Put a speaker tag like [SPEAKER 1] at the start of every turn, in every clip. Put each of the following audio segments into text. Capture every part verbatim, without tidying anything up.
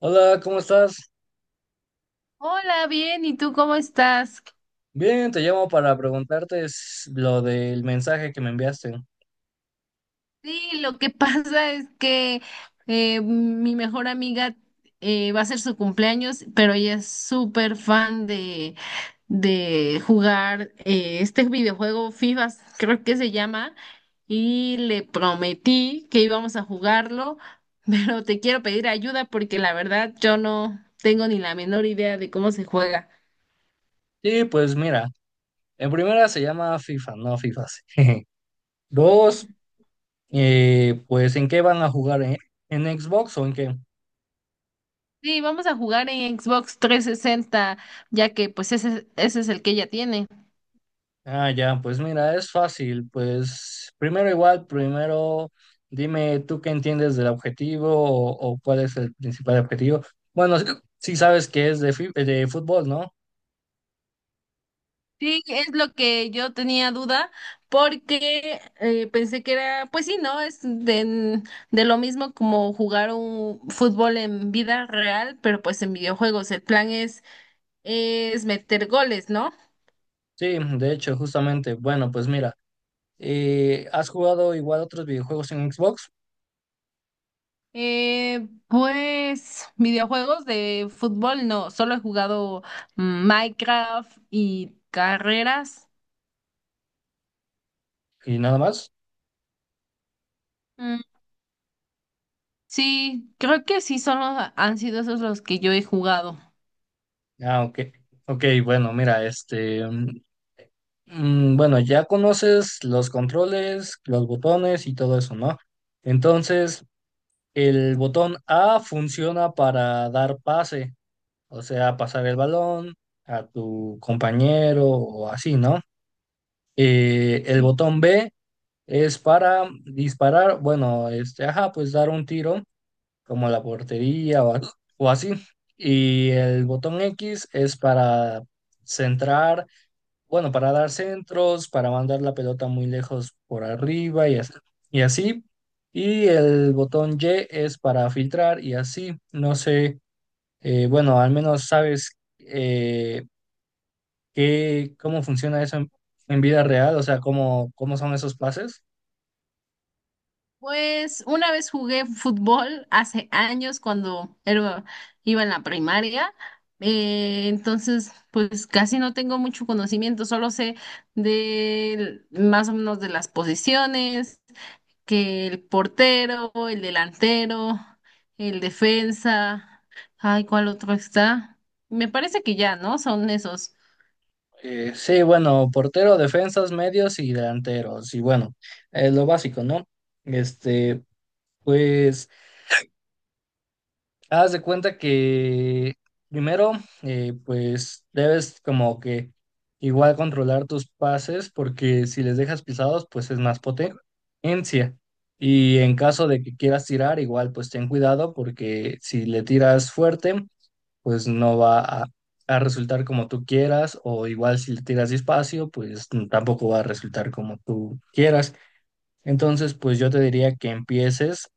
[SPEAKER 1] Hola, ¿cómo estás?
[SPEAKER 2] Hola, bien, ¿y tú cómo estás?
[SPEAKER 1] Bien, te llamo para preguntarte s- lo del mensaje que me enviaste.
[SPEAKER 2] Sí, lo que pasa es que eh, mi mejor amiga eh, va a ser su cumpleaños, pero ella es súper fan de, de jugar eh, este videojuego FIFA, creo que se llama, y le prometí que íbamos a jugarlo, pero te quiero pedir ayuda porque la verdad yo no tengo ni la menor idea de cómo se juega.
[SPEAKER 1] Sí, pues mira, en primera se llama FIFA, no FIFAs. Dos, eh, pues ¿en qué van a jugar? ¿En, ¿en Xbox o en qué?
[SPEAKER 2] Sí, vamos a jugar en Xbox trescientos sesenta, ya que pues ese, ese es el que ella tiene.
[SPEAKER 1] Ah, ya, pues mira, es fácil. Pues primero igual, primero dime tú qué entiendes del objetivo o, o cuál es el principal objetivo. Bueno, sí, sí sabes que es de, fi- de fútbol, ¿no?
[SPEAKER 2] Sí, es lo que yo tenía duda, porque eh, pensé que era, pues sí, ¿no? Es de, de lo mismo como jugar un fútbol en vida real, pero pues en videojuegos. El plan es, es meter goles, ¿no?
[SPEAKER 1] Sí, de hecho, justamente. Bueno, pues mira, eh, ¿has jugado igual otros videojuegos en Xbox
[SPEAKER 2] Eh, pues videojuegos de fútbol, no, solo he jugado mm, Minecraft y carreras.
[SPEAKER 1] y nada más?
[SPEAKER 2] Sí, creo que sí son los, han sido esos los que yo he jugado.
[SPEAKER 1] Ah, ok. Ok, bueno, mira, este, mm, mm, bueno, ya conoces los controles, los botones y todo eso, ¿no? Entonces, el botón A funciona para dar pase, o sea, pasar el balón a tu compañero o así, ¿no? Eh, el botón B es para disparar, bueno, este, ajá, pues dar un tiro como la portería o, a- o así. Y el botón X es para centrar, bueno, para dar centros, para mandar la pelota muy lejos por arriba y as- y así. Y el botón Y es para filtrar y así. No sé, eh, bueno, al menos sabes eh, qué, cómo funciona eso en, en vida real, o sea, cómo, cómo son esos pases.
[SPEAKER 2] Pues una vez jugué fútbol hace años cuando era- iba en la primaria. Eh, entonces, pues casi no tengo mucho conocimiento, solo sé de más o menos de las posiciones, que el portero, el delantero, el defensa, ay, ¿cuál otro está? Me parece que ya, ¿no? Son esos.
[SPEAKER 1] Eh, sí, bueno, portero, defensas, medios y delanteros. Y bueno, es lo básico, ¿no? Este, pues, haz de cuenta que primero, eh, pues, debes como que igual controlar tus pases, porque si les dejas pisados, pues es más potencia. Y en caso de que quieras tirar, igual, pues ten cuidado, porque si le tiras fuerte, pues no va a, a resultar como tú quieras, o igual si le tiras despacio, pues n- tampoco va a resultar como tú quieras. Entonces, pues yo te diría que empieces,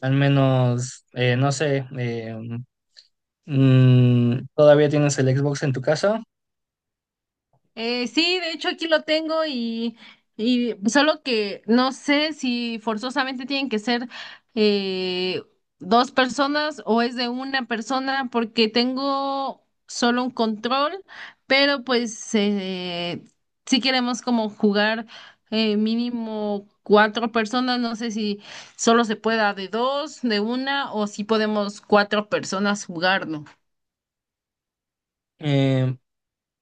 [SPEAKER 1] al menos, eh, no sé, eh, mm, todavía tienes el Xbox en tu casa.
[SPEAKER 2] Eh, sí, de hecho aquí lo tengo y, y solo que no sé si forzosamente tienen que ser eh, dos personas o es de una persona porque tengo solo un control, pero pues eh, si queremos como jugar eh, mínimo cuatro personas, no sé si solo se pueda de dos, de una o si podemos cuatro personas jugarlo.
[SPEAKER 1] Eh,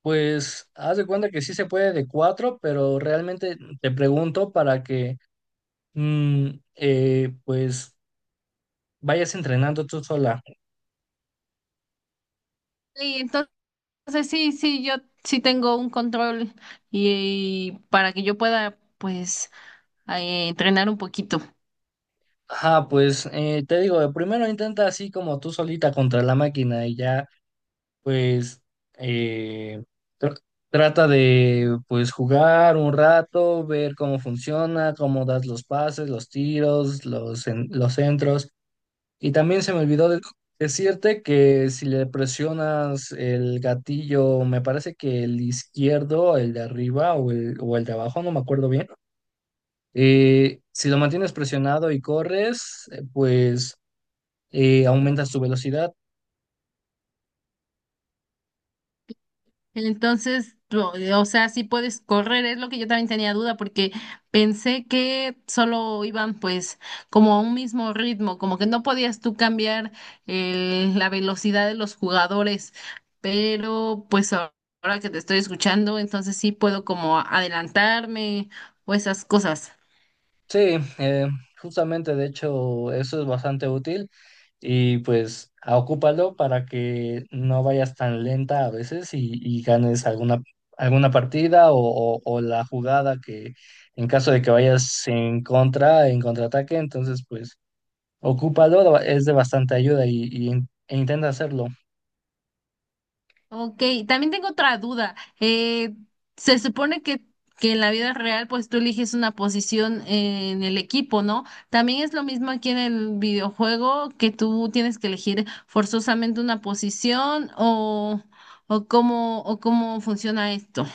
[SPEAKER 1] pues haz de cuenta que sí se puede de cuatro, pero realmente te pregunto para que mm, eh, pues vayas entrenando tú sola.
[SPEAKER 2] Sí, entonces sí, sí, yo sí tengo un control y, y para que yo pueda pues eh, entrenar un poquito.
[SPEAKER 1] Ajá, pues eh, te digo, primero intenta así como tú solita contra la máquina y ya, pues, eh, tr- trata de, pues, jugar un rato, ver cómo funciona, cómo das los pases, los tiros, los, en- los centros. Y también se me olvidó de- decirte que si le presionas el gatillo, me parece que el izquierdo, el de arriba o el, o el de abajo, no me acuerdo bien. Eh, si lo mantienes presionado y corres, eh, pues y aumenta su velocidad.
[SPEAKER 2] Entonces, lo- o sea, sí puedes correr, es lo que yo también tenía duda porque pensé que solo iban pues como a un mismo ritmo, como que no podías tú cambiar el- la velocidad de los jugadores, pero pues a- ahora que te estoy escuchando, entonces sí puedo como adelantarme o esas cosas.
[SPEAKER 1] Sí, eh, justamente de hecho eso es bastante útil y pues a- ocúpalo para que no vayas tan lenta a veces y, y ganes alguna, alguna partida o, o- o la jugada que en caso de que vayas en contra, en contraataque, entonces pues ocúpalo, es de bastante ayuda y, y in- e intenta hacerlo.
[SPEAKER 2] Ok, también tengo otra duda. Eh, se supone que, que en la vida real, pues tú eliges una posición en el equipo, ¿no? También es lo mismo aquí en el videojuego que tú tienes que elegir forzosamente una posición o, o cómo, o cómo funciona esto.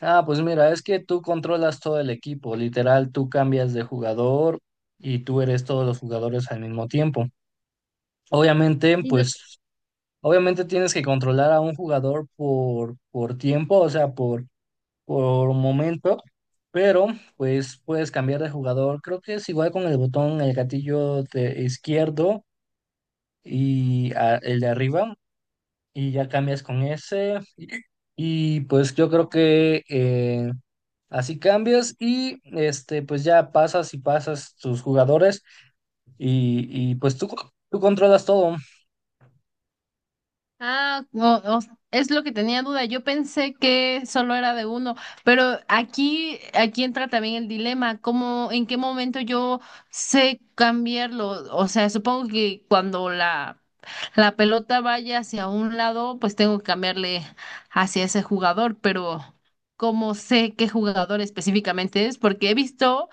[SPEAKER 1] Ah, pues mira, es que tú controlas todo el equipo, literal, tú cambias de jugador y tú eres todos los jugadores al mismo tiempo. Obviamente, pues, obviamente tienes que controlar a un jugador por, por tiempo, o sea, por, por momento, pero pues puedes cambiar de jugador. Creo que es igual con el botón, el gatillo de izquierdo y a- el de arriba, y ya cambias con ese. Y pues yo creo que eh, así cambias y este, pues ya pasas y pasas tus jugadores y, y pues tú, tú controlas todo.
[SPEAKER 2] Ah, o- o- es lo que tenía duda. Yo pensé que solo era de uno, pero aquí, aquí entra también el dilema, ¿cómo, en qué momento yo sé cambiarlo? O sea, supongo que cuando la, la pelota vaya hacia un lado, pues tengo que cambiarle hacia ese jugador, pero ¿cómo sé qué jugador específicamente es? Porque he visto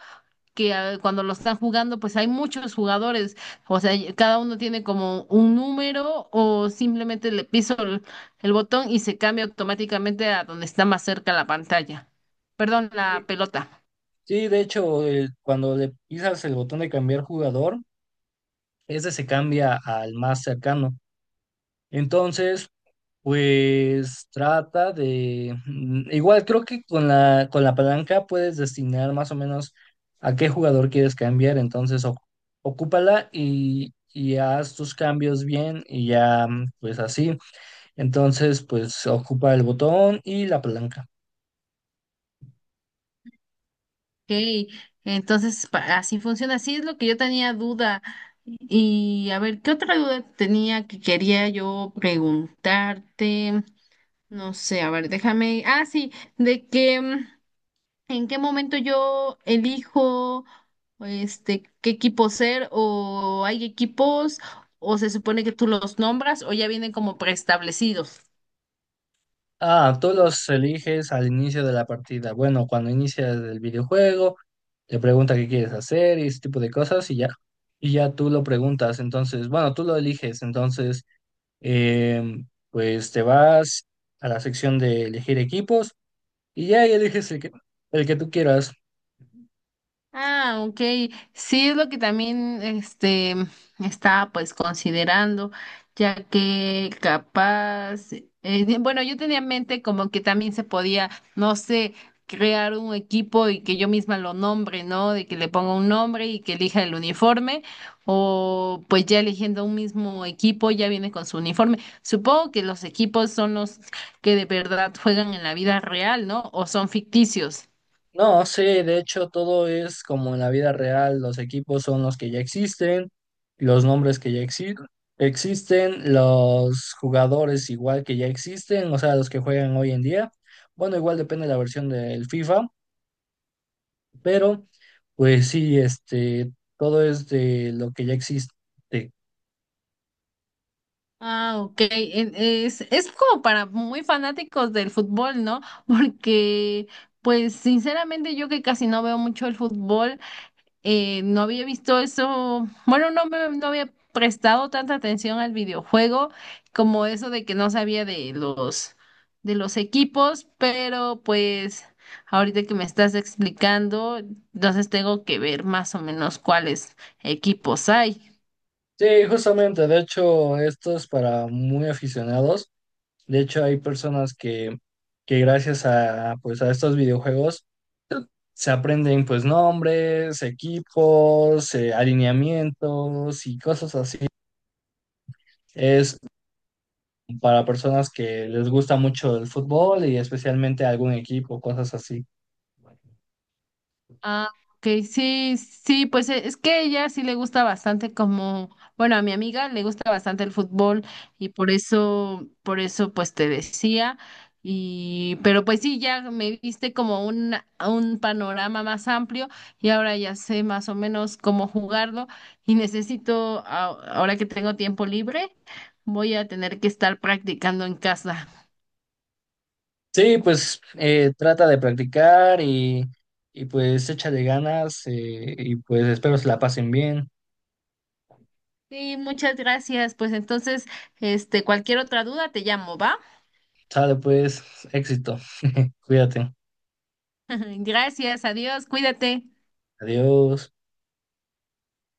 [SPEAKER 2] que ah, cuando lo están jugando, pues hay muchos jugadores, o sea, y- cada uno tiene como un número o simplemente le piso el, el botón y se cambia automáticamente a donde está más cerca la pantalla, perdón, la
[SPEAKER 1] Sí,
[SPEAKER 2] pelota.
[SPEAKER 1] sí, de hecho, eh, cuando le pisas el botón de cambiar jugador, ese se cambia al más cercano. Entonces, pues trata de... mm, Igual creo que con la, con la palanca puedes destinar más o menos a qué jugador quieres cambiar. Entonces, oc- ocúpala y, y haz tus cambios bien y ya, mm, pues así. Entonces, pues ocupa el botón y la palanca.
[SPEAKER 2] Ok, entonces pa- así funciona, así es lo que yo tenía duda. Y a ver, ¿qué otra duda tenía que quería yo preguntarte? No sé, a ver, déjame. Ah, sí, de que mm, en qué momento yo elijo este qué equipo ser o hay equipos o se supone que tú los nombras o ya vienen como preestablecidos.
[SPEAKER 1] Ah, tú los eliges al inicio de la partida. Bueno, cuando inicia el videojuego, te pregunta qué quieres hacer y ese tipo de cosas y ya. Y ya tú lo preguntas. Entonces, bueno, tú lo eliges. Entonces, em, pues te vas a la sección de elegir equipos y ya ahí eliges el que, el que tú quieras.
[SPEAKER 2] Ah, ok. Sí, es lo que también este estaba pues considerando, ya que capaz, eh, de- bueno, yo tenía en mente como que también se podía, no sé, crear un equipo y que yo misma lo nombre, ¿no? De que le ponga un nombre y que elija el uniforme, o pues ya eligiendo un mismo equipo ya viene con su uniforme. Supongo que los equipos son los que de verdad juegan en la vida real, ¿no? O son ficticios.
[SPEAKER 1] No, sí, de hecho todo es como en la vida real, los equipos son los que ya existen, los nombres que ya exi- existen, los jugadores igual que ya existen, o sea, los que juegan hoy en día. Bueno, igual depende de la versión del FIFA, pero pues sí, este, todo es de lo que ya existe.
[SPEAKER 2] Ah, ok. En- Es, es como para muy fanáticos del fútbol, ¿no? Porque, pues, sinceramente, yo que casi no veo mucho el fútbol, eh, no había visto eso. Bueno, no me no había prestado tanta atención al videojuego como eso de que no sabía de los de los equipos, pero pues ahorita que me estás explicando, entonces tengo que ver más o menos cuáles equipos hay.
[SPEAKER 1] Sí, justamente, de hecho, esto es para muy aficionados. De hecho, hay personas que, que gracias a, pues, a estos videojuegos se aprenden pues nombres, equipos, eh, alineamientos y cosas así. Es para personas que les gusta mucho el fútbol y especialmente algún equipo, cosas así.
[SPEAKER 2] Ah, ok, sí, sí, pues e- es que ella sí le gusta bastante como, bueno, a mi amiga le gusta bastante el fútbol y por eso, por eso pues te decía y, pero pues sí, ya me diste como un, un panorama más amplio y ahora ya sé más o menos cómo jugarlo y necesito, a- ahora que tengo tiempo libre, voy a tener que estar practicando en casa.
[SPEAKER 1] Sí, pues eh, trata de practicar y, y pues échale ganas eh, y pues espero se la pasen bien.
[SPEAKER 2] Sí, muchas gracias. Pues entonces, este, cualquier otra duda te llamo, ¿va?
[SPEAKER 1] Sale pues, éxito. Cuídate.
[SPEAKER 2] Gracias, adiós, cuídate.
[SPEAKER 1] Adiós.